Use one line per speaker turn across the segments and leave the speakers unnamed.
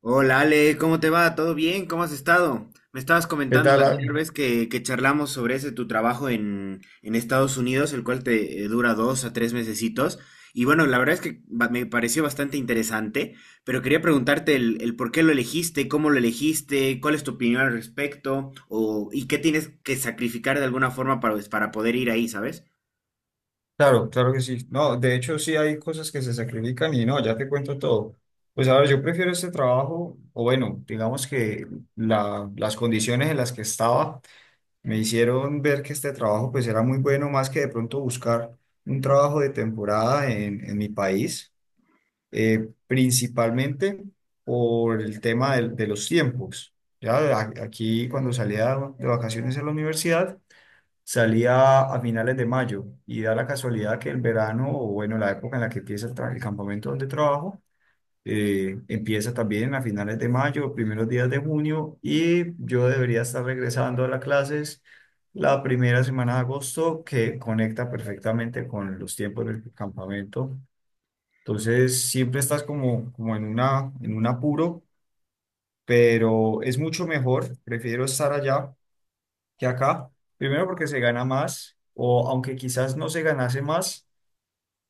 Hola Ale, ¿cómo te va? ¿Todo bien? ¿Cómo has estado? Me estabas
¿Qué
comentando la
tal,
anterior
Al?
vez que charlamos sobre ese tu trabajo en Estados Unidos, el cual te dura dos a tres mesecitos. Y bueno, la verdad es que me pareció bastante interesante, pero quería preguntarte el por qué lo elegiste, cómo lo elegiste, cuál es tu opinión al respecto, o, y qué tienes que sacrificar de alguna forma para, pues, para poder ir ahí, ¿sabes?
Claro, claro que sí. No, de hecho sí hay cosas que se sacrifican y no, ya te cuento todo. Pues a ver, yo prefiero este trabajo, o bueno, digamos que las condiciones en las que estaba me hicieron ver que este trabajo pues era muy bueno, más que de pronto buscar un trabajo de temporada en mi país, principalmente por el tema de los tiempos. Ya aquí cuando salía de vacaciones en la universidad, salía a finales de mayo y da la casualidad que el verano, o bueno, la época en la que empieza el, el campamento donde trabajo, empieza también a finales de mayo, primeros días de junio, y yo debería estar regresando a las clases la primera semana de agosto, que conecta perfectamente con los tiempos del campamento. Entonces, siempre estás como, como en una, en un apuro, pero es mucho mejor, prefiero estar allá que acá. Primero porque se gana más, o aunque quizás no se ganase más,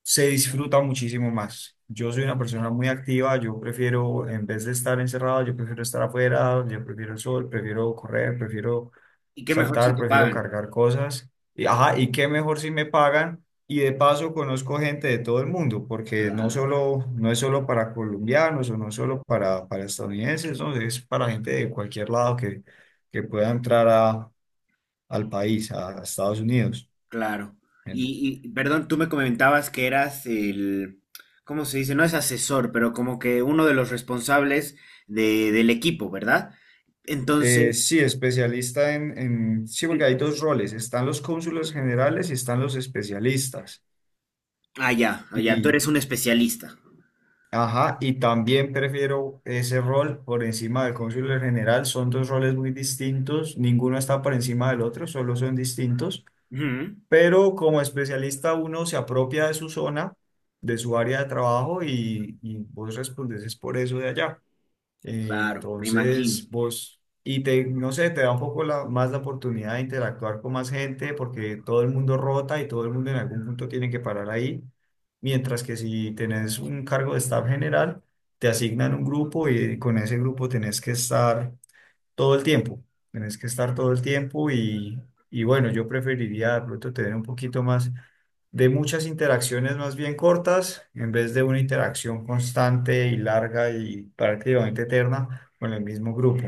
se disfruta muchísimo más. Yo soy una persona muy activa, yo prefiero, en vez de estar encerrado, yo prefiero estar afuera, yo prefiero el sol, prefiero correr, prefiero
Y qué mejor si
saltar,
te
prefiero
pagan.
cargar cosas. Y, ajá, y qué mejor si me pagan. Y de paso conozco gente de todo el mundo, porque no
Claro.
solo, no es solo para colombianos o no es solo para estadounidenses, ¿no? Es para gente de cualquier lado que pueda entrar a, al país, a Estados Unidos.
Claro.
Bien.
Y, perdón, tú me comentabas que eras el, ¿cómo se dice? No es asesor, pero como que uno de los responsables del equipo, ¿verdad? Entonces,
Sí, especialista en, sí, porque hay dos roles, están los cónsules generales y están los especialistas.
allá, tú
Y,
eres un especialista.
ajá, y también prefiero ese rol por encima del cónsul general, son dos roles muy distintos, ninguno está por encima del otro, solo son distintos,
Ujú.
pero como especialista uno se apropia de su zona, de su área de trabajo y vos respondes es por eso de allá.
Claro, me imagino.
Entonces, vos, y te, no sé, te da un poco más la oportunidad de interactuar con más gente porque todo el mundo rota y todo el mundo en algún punto tiene que parar ahí. Mientras que si tenés un cargo de staff general, te asignan un grupo y con ese grupo tenés que estar todo el tiempo. Tenés que estar todo el tiempo y bueno, yo preferiría de pronto tener un poquito más de muchas interacciones más bien cortas, en vez de una interacción constante y larga y prácticamente eterna con el mismo grupo.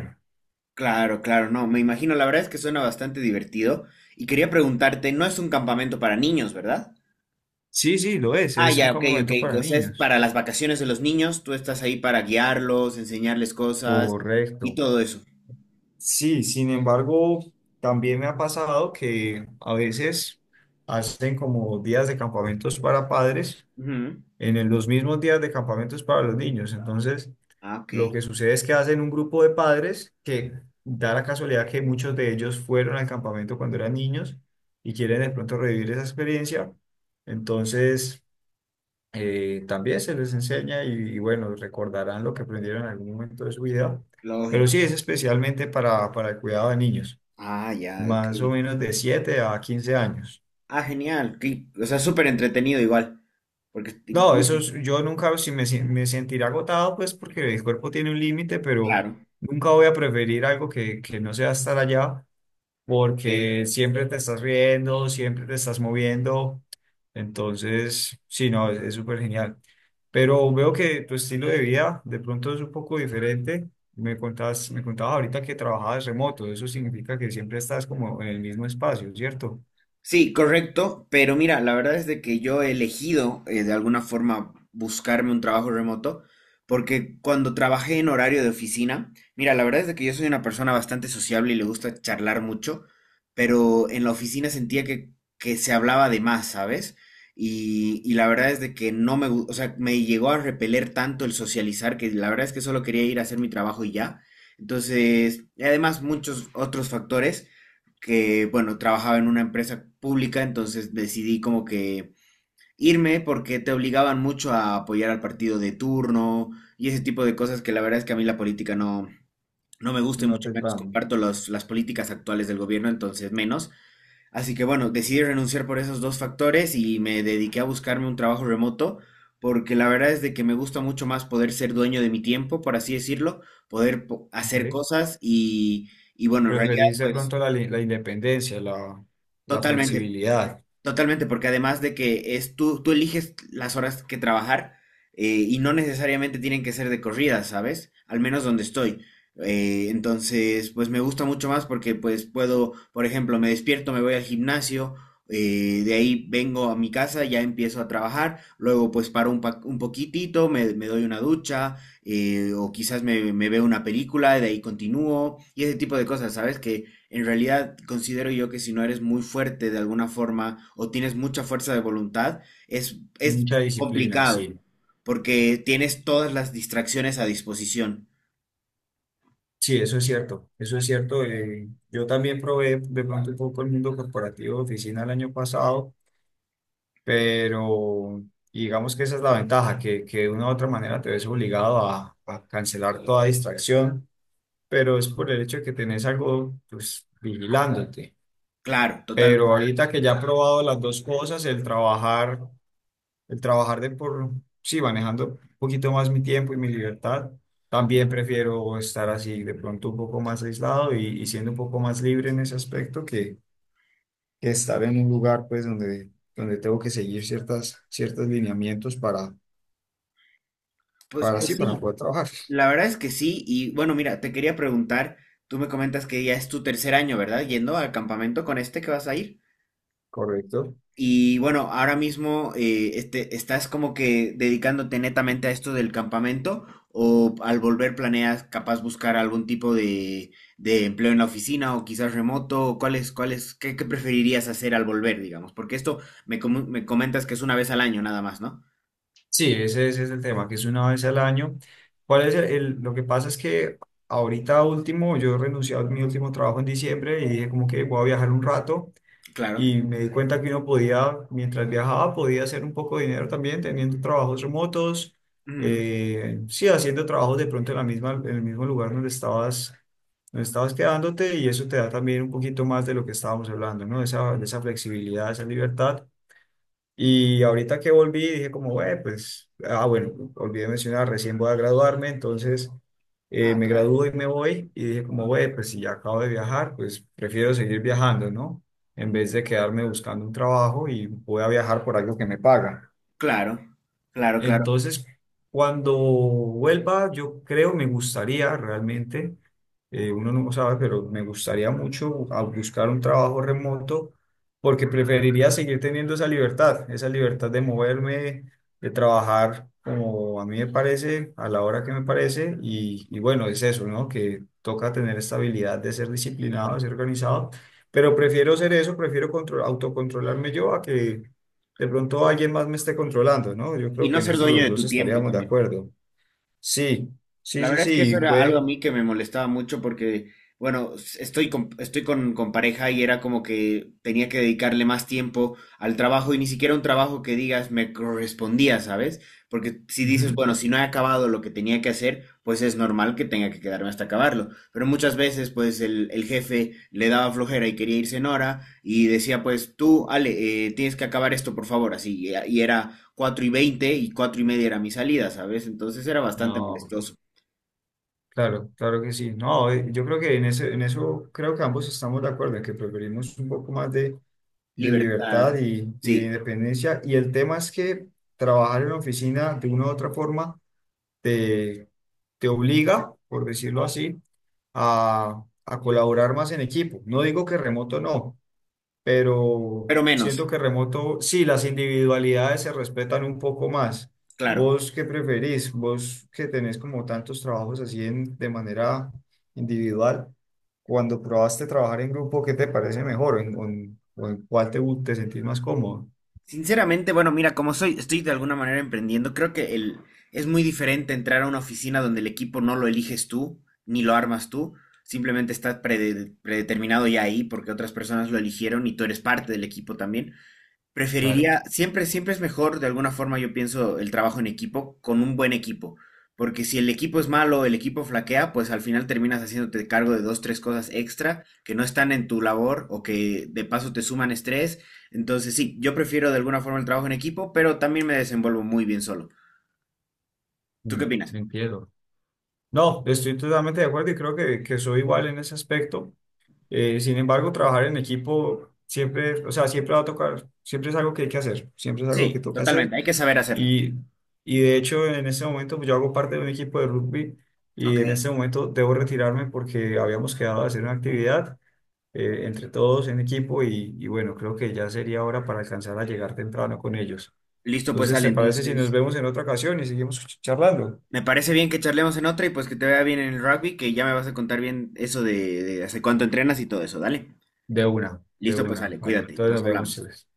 Claro, claro, no, me imagino. La verdad es que suena bastante divertido. Y quería preguntarte, no es un campamento para niños, ¿verdad?
Sí, sí, lo
Ah,
es un
ya, ok, ok.
campamento para
O sea, es
niños.
para las vacaciones de los niños, tú estás ahí para guiarlos, enseñarles cosas y
Correcto.
todo eso.
Sí, sin embargo, también me ha pasado que a veces hacen como días de campamentos para padres
Ujú.
en los mismos días de campamentos para los niños. Entonces,
Ah, ok.
lo que sucede es que hacen un grupo de padres que da la casualidad que muchos de ellos fueron al campamento cuando eran niños y quieren de pronto revivir esa experiencia. Entonces, también se les enseña y bueno, recordarán lo que aprendieron en algún momento de su vida. Pero
Lógico.
sí es especialmente para el cuidado de niños,
Ah, ya, ok.
más o menos de 7 a 15 años.
Ah, genial. Ok. O sea, súper entretenido igual. Porque
No,
incluso,
eso es- yo nunca si me, me sentiré agotado, pues porque el cuerpo tiene un límite, pero
claro.
nunca voy a preferir algo que no sea estar allá
Ok.
porque siempre te estás riendo, siempre te estás moviendo. Entonces, sí, no, es súper genial. Pero veo que tu estilo de vida de pronto es un poco diferente. Me contabas ahorita que trabajabas remoto. Eso significa que siempre estás como en el mismo espacio, ¿cierto?
Sí, correcto, pero mira, la verdad es de que yo he elegido de alguna forma buscarme un trabajo remoto, porque cuando trabajé en horario de oficina, mira, la verdad es de que yo soy una persona bastante sociable y le gusta charlar mucho, pero en la oficina sentía que se hablaba de más, ¿sabes? Y la verdad es de que no o sea, me llegó a repeler tanto el socializar que la verdad es que solo quería ir a hacer mi trabajo y ya. Entonces, y además muchos otros factores que, bueno, trabajaba en una empresa pública, entonces decidí como que irme porque te obligaban mucho a apoyar al partido de turno y ese tipo de cosas que la verdad es que a mí la política no me gusta y
No
mucho
te
menos
tramo.
comparto las políticas actuales del gobierno, entonces menos. Así que bueno, decidí renunciar por esos dos factores y me dediqué a buscarme un trabajo remoto porque la verdad es de que me gusta mucho más poder ser dueño de mi tiempo, por así decirlo, poder hacer
Ok.
cosas y bueno, en realidad
Preferís de
pues
pronto la, la independencia, la
totalmente.
flexibilidad,
Totalmente, porque además de que es tú eliges las horas que trabajar y no necesariamente tienen que ser de corrida, ¿sabes? Al menos donde estoy. Entonces, pues me gusta mucho más porque pues puedo, por ejemplo, me despierto, me voy al gimnasio, de ahí vengo a mi casa, ya empiezo a trabajar, luego pues paro un poquitito, me doy una ducha o quizás me veo una película, de ahí continúo y ese tipo de cosas, ¿sabes? Que en realidad, considero yo que si no eres muy fuerte de alguna forma o tienes mucha fuerza de voluntad, es
mucha disciplina,
complicado
sí.
porque tienes todas las distracciones a disposición.
Sí, eso es cierto, eso es cierto. Yo también probé de pronto un poco el mundo corporativo de oficina el año pasado, pero digamos que esa es la ventaja, que de una u otra manera te ves obligado a cancelar toda distracción, pero es por el hecho de que tenés algo pues vigilándote.
Claro, totalmente.
Pero ahorita que ya he probado las dos cosas, el trabajar de por, sí, manejando un poquito más mi tiempo y mi libertad. También prefiero estar así de pronto un poco más aislado y siendo un poco más libre en ese aspecto que estar en un lugar pues donde, donde tengo que seguir ciertas, ciertos lineamientos
Pues,
para
pues
sí, para
sí,
poder trabajar.
la verdad es que sí. Y bueno, mira, te quería preguntar, tú me comentas que ya es tu tercer año, ¿verdad? Yendo al campamento con este que vas a ir.
Correcto.
Y bueno, ahora mismo ¿estás como que dedicándote netamente a esto del campamento o al volver planeas capaz buscar algún tipo de empleo en la oficina o quizás remoto? O ¿cuál es, qué, qué preferirías hacer al volver, digamos? Porque esto me comentas que es una vez al año nada más, ¿no?
Sí, ese es el tema, que es una vez al año. ¿Cuál es el, lo que pasa es que ahorita último, yo renuncié a mi último trabajo en diciembre y dije como que voy a viajar un rato.
Claro.
Y me di cuenta que uno podía, mientras viajaba, podía hacer un poco de dinero también teniendo trabajos remotos,
Mm.
sí, haciendo trabajos de pronto en la misma, en el mismo lugar donde estabas quedándote y eso te da también un poquito más de lo que estábamos hablando, ¿no? Esa, de esa flexibilidad, esa libertad. Y ahorita que volví, dije como: "Güey, pues, ah, bueno, olvidé mencionar, recién voy a graduarme, entonces
Ah,
me
claro.
gradúo y me voy". Y dije como: "Güey, pues si ya acabo de viajar, pues prefiero seguir viajando, ¿no? En vez de quedarme buscando un trabajo, y voy a viajar por algo que me paga".
Claro, claro, claro.
Entonces, cuando vuelva, yo creo, me gustaría realmente, uno no sabe, pero me gustaría mucho a buscar un trabajo remoto porque preferiría seguir teniendo esa libertad de moverme, de trabajar como a mí me parece, a la hora que me parece. Y bueno, es eso, ¿no? Que toca tener esta habilidad de ser disciplinado, de ser organizado, pero prefiero ser eso, prefiero control, autocontrolarme yo a que de pronto alguien más me esté controlando, ¿no? Yo
Y
creo que
no
en
ser
eso
dueño
los
de
dos
tu tiempo
estaríamos de
también.
acuerdo. Sí, sí,
La
sí,
verdad es que eso
sí,
era algo a
puede.
mí que me molestaba mucho porque, bueno, estoy con pareja y era como que tenía que dedicarle más tiempo al trabajo y ni siquiera un trabajo que digas me correspondía, ¿sabes? Porque si dices,
Ujú.
bueno, si no he acabado lo que tenía que hacer, pues es normal que tenga que quedarme hasta acabarlo. Pero muchas veces, pues el jefe le daba flojera y quería irse en hora y decía, pues tú, Ale, tienes que acabar esto, por favor, así. Y era 4 y 20 y 4 y media era mi salida, ¿sabes? Entonces era bastante
No,
molestoso.
claro, claro que sí. No, yo creo que en ese, en eso creo que ambos estamos de acuerdo, en que preferimos un poco más de
Libertad,
libertad y de
sí,
independencia. Y el tema es que trabajar en la oficina de una u otra forma te, te obliga, por decirlo así, a colaborar más en equipo. No digo que remoto no, pero
pero menos,
siento que remoto, sí, las individualidades se respetan un poco más.
claro.
¿Vos qué preferís? ¿Vos que tenés como tantos trabajos así de manera individual? Cuando probaste trabajar en grupo, ¿qué te parece mejor? ¿En, o o en cuál te, te sentís más cómodo?
Sinceramente, bueno, mira, como soy, estoy de alguna manera emprendiendo, creo que el, es muy diferente entrar a una oficina donde el equipo no lo eliges tú, ni lo armas tú, simplemente está predeterminado ya ahí porque otras personas lo eligieron y tú eres parte del equipo también.
Claro,
Preferiría, siempre es mejor, de alguna forma yo pienso, el trabajo en equipo con un buen equipo, porque si el equipo es malo, el equipo flaquea, pues al final terminas haciéndote cargo de dos, tres cosas extra que no están en tu labor o que de paso te suman estrés. Entonces sí, yo prefiero de alguna forma el trabajo en equipo, pero también me desenvuelvo muy bien solo. ¿Tú
mm,
qué opinas?
entiendo. No, estoy totalmente de acuerdo y creo que soy igual en ese aspecto. Sin embargo, trabajar en equipo siempre, o sea, siempre va a tocar, siempre es algo que hay que hacer, siempre es algo que
Sí,
toca hacer.
totalmente, hay que saber hacerlo.
Y, y de hecho, en ese momento pues, yo hago parte de un equipo de rugby y
Ok,
en ese momento debo retirarme porque habíamos quedado de hacer una actividad entre todos en equipo y bueno, creo que ya sería hora para alcanzar a llegar temprano con ellos.
listo, pues
Entonces,
Ale,
¿te parece si nos
entonces
vemos en otra ocasión y seguimos charlando?
me parece bien que charlemos en otra y pues que te vea bien en el rugby, que ya me vas a contar bien eso de hace cuánto entrenas y todo eso, dale.
De
Listo, pues
una,
Ale,
vale.
cuídate,
Entonces
nos
nos vemos,
hablamos.
Chiles.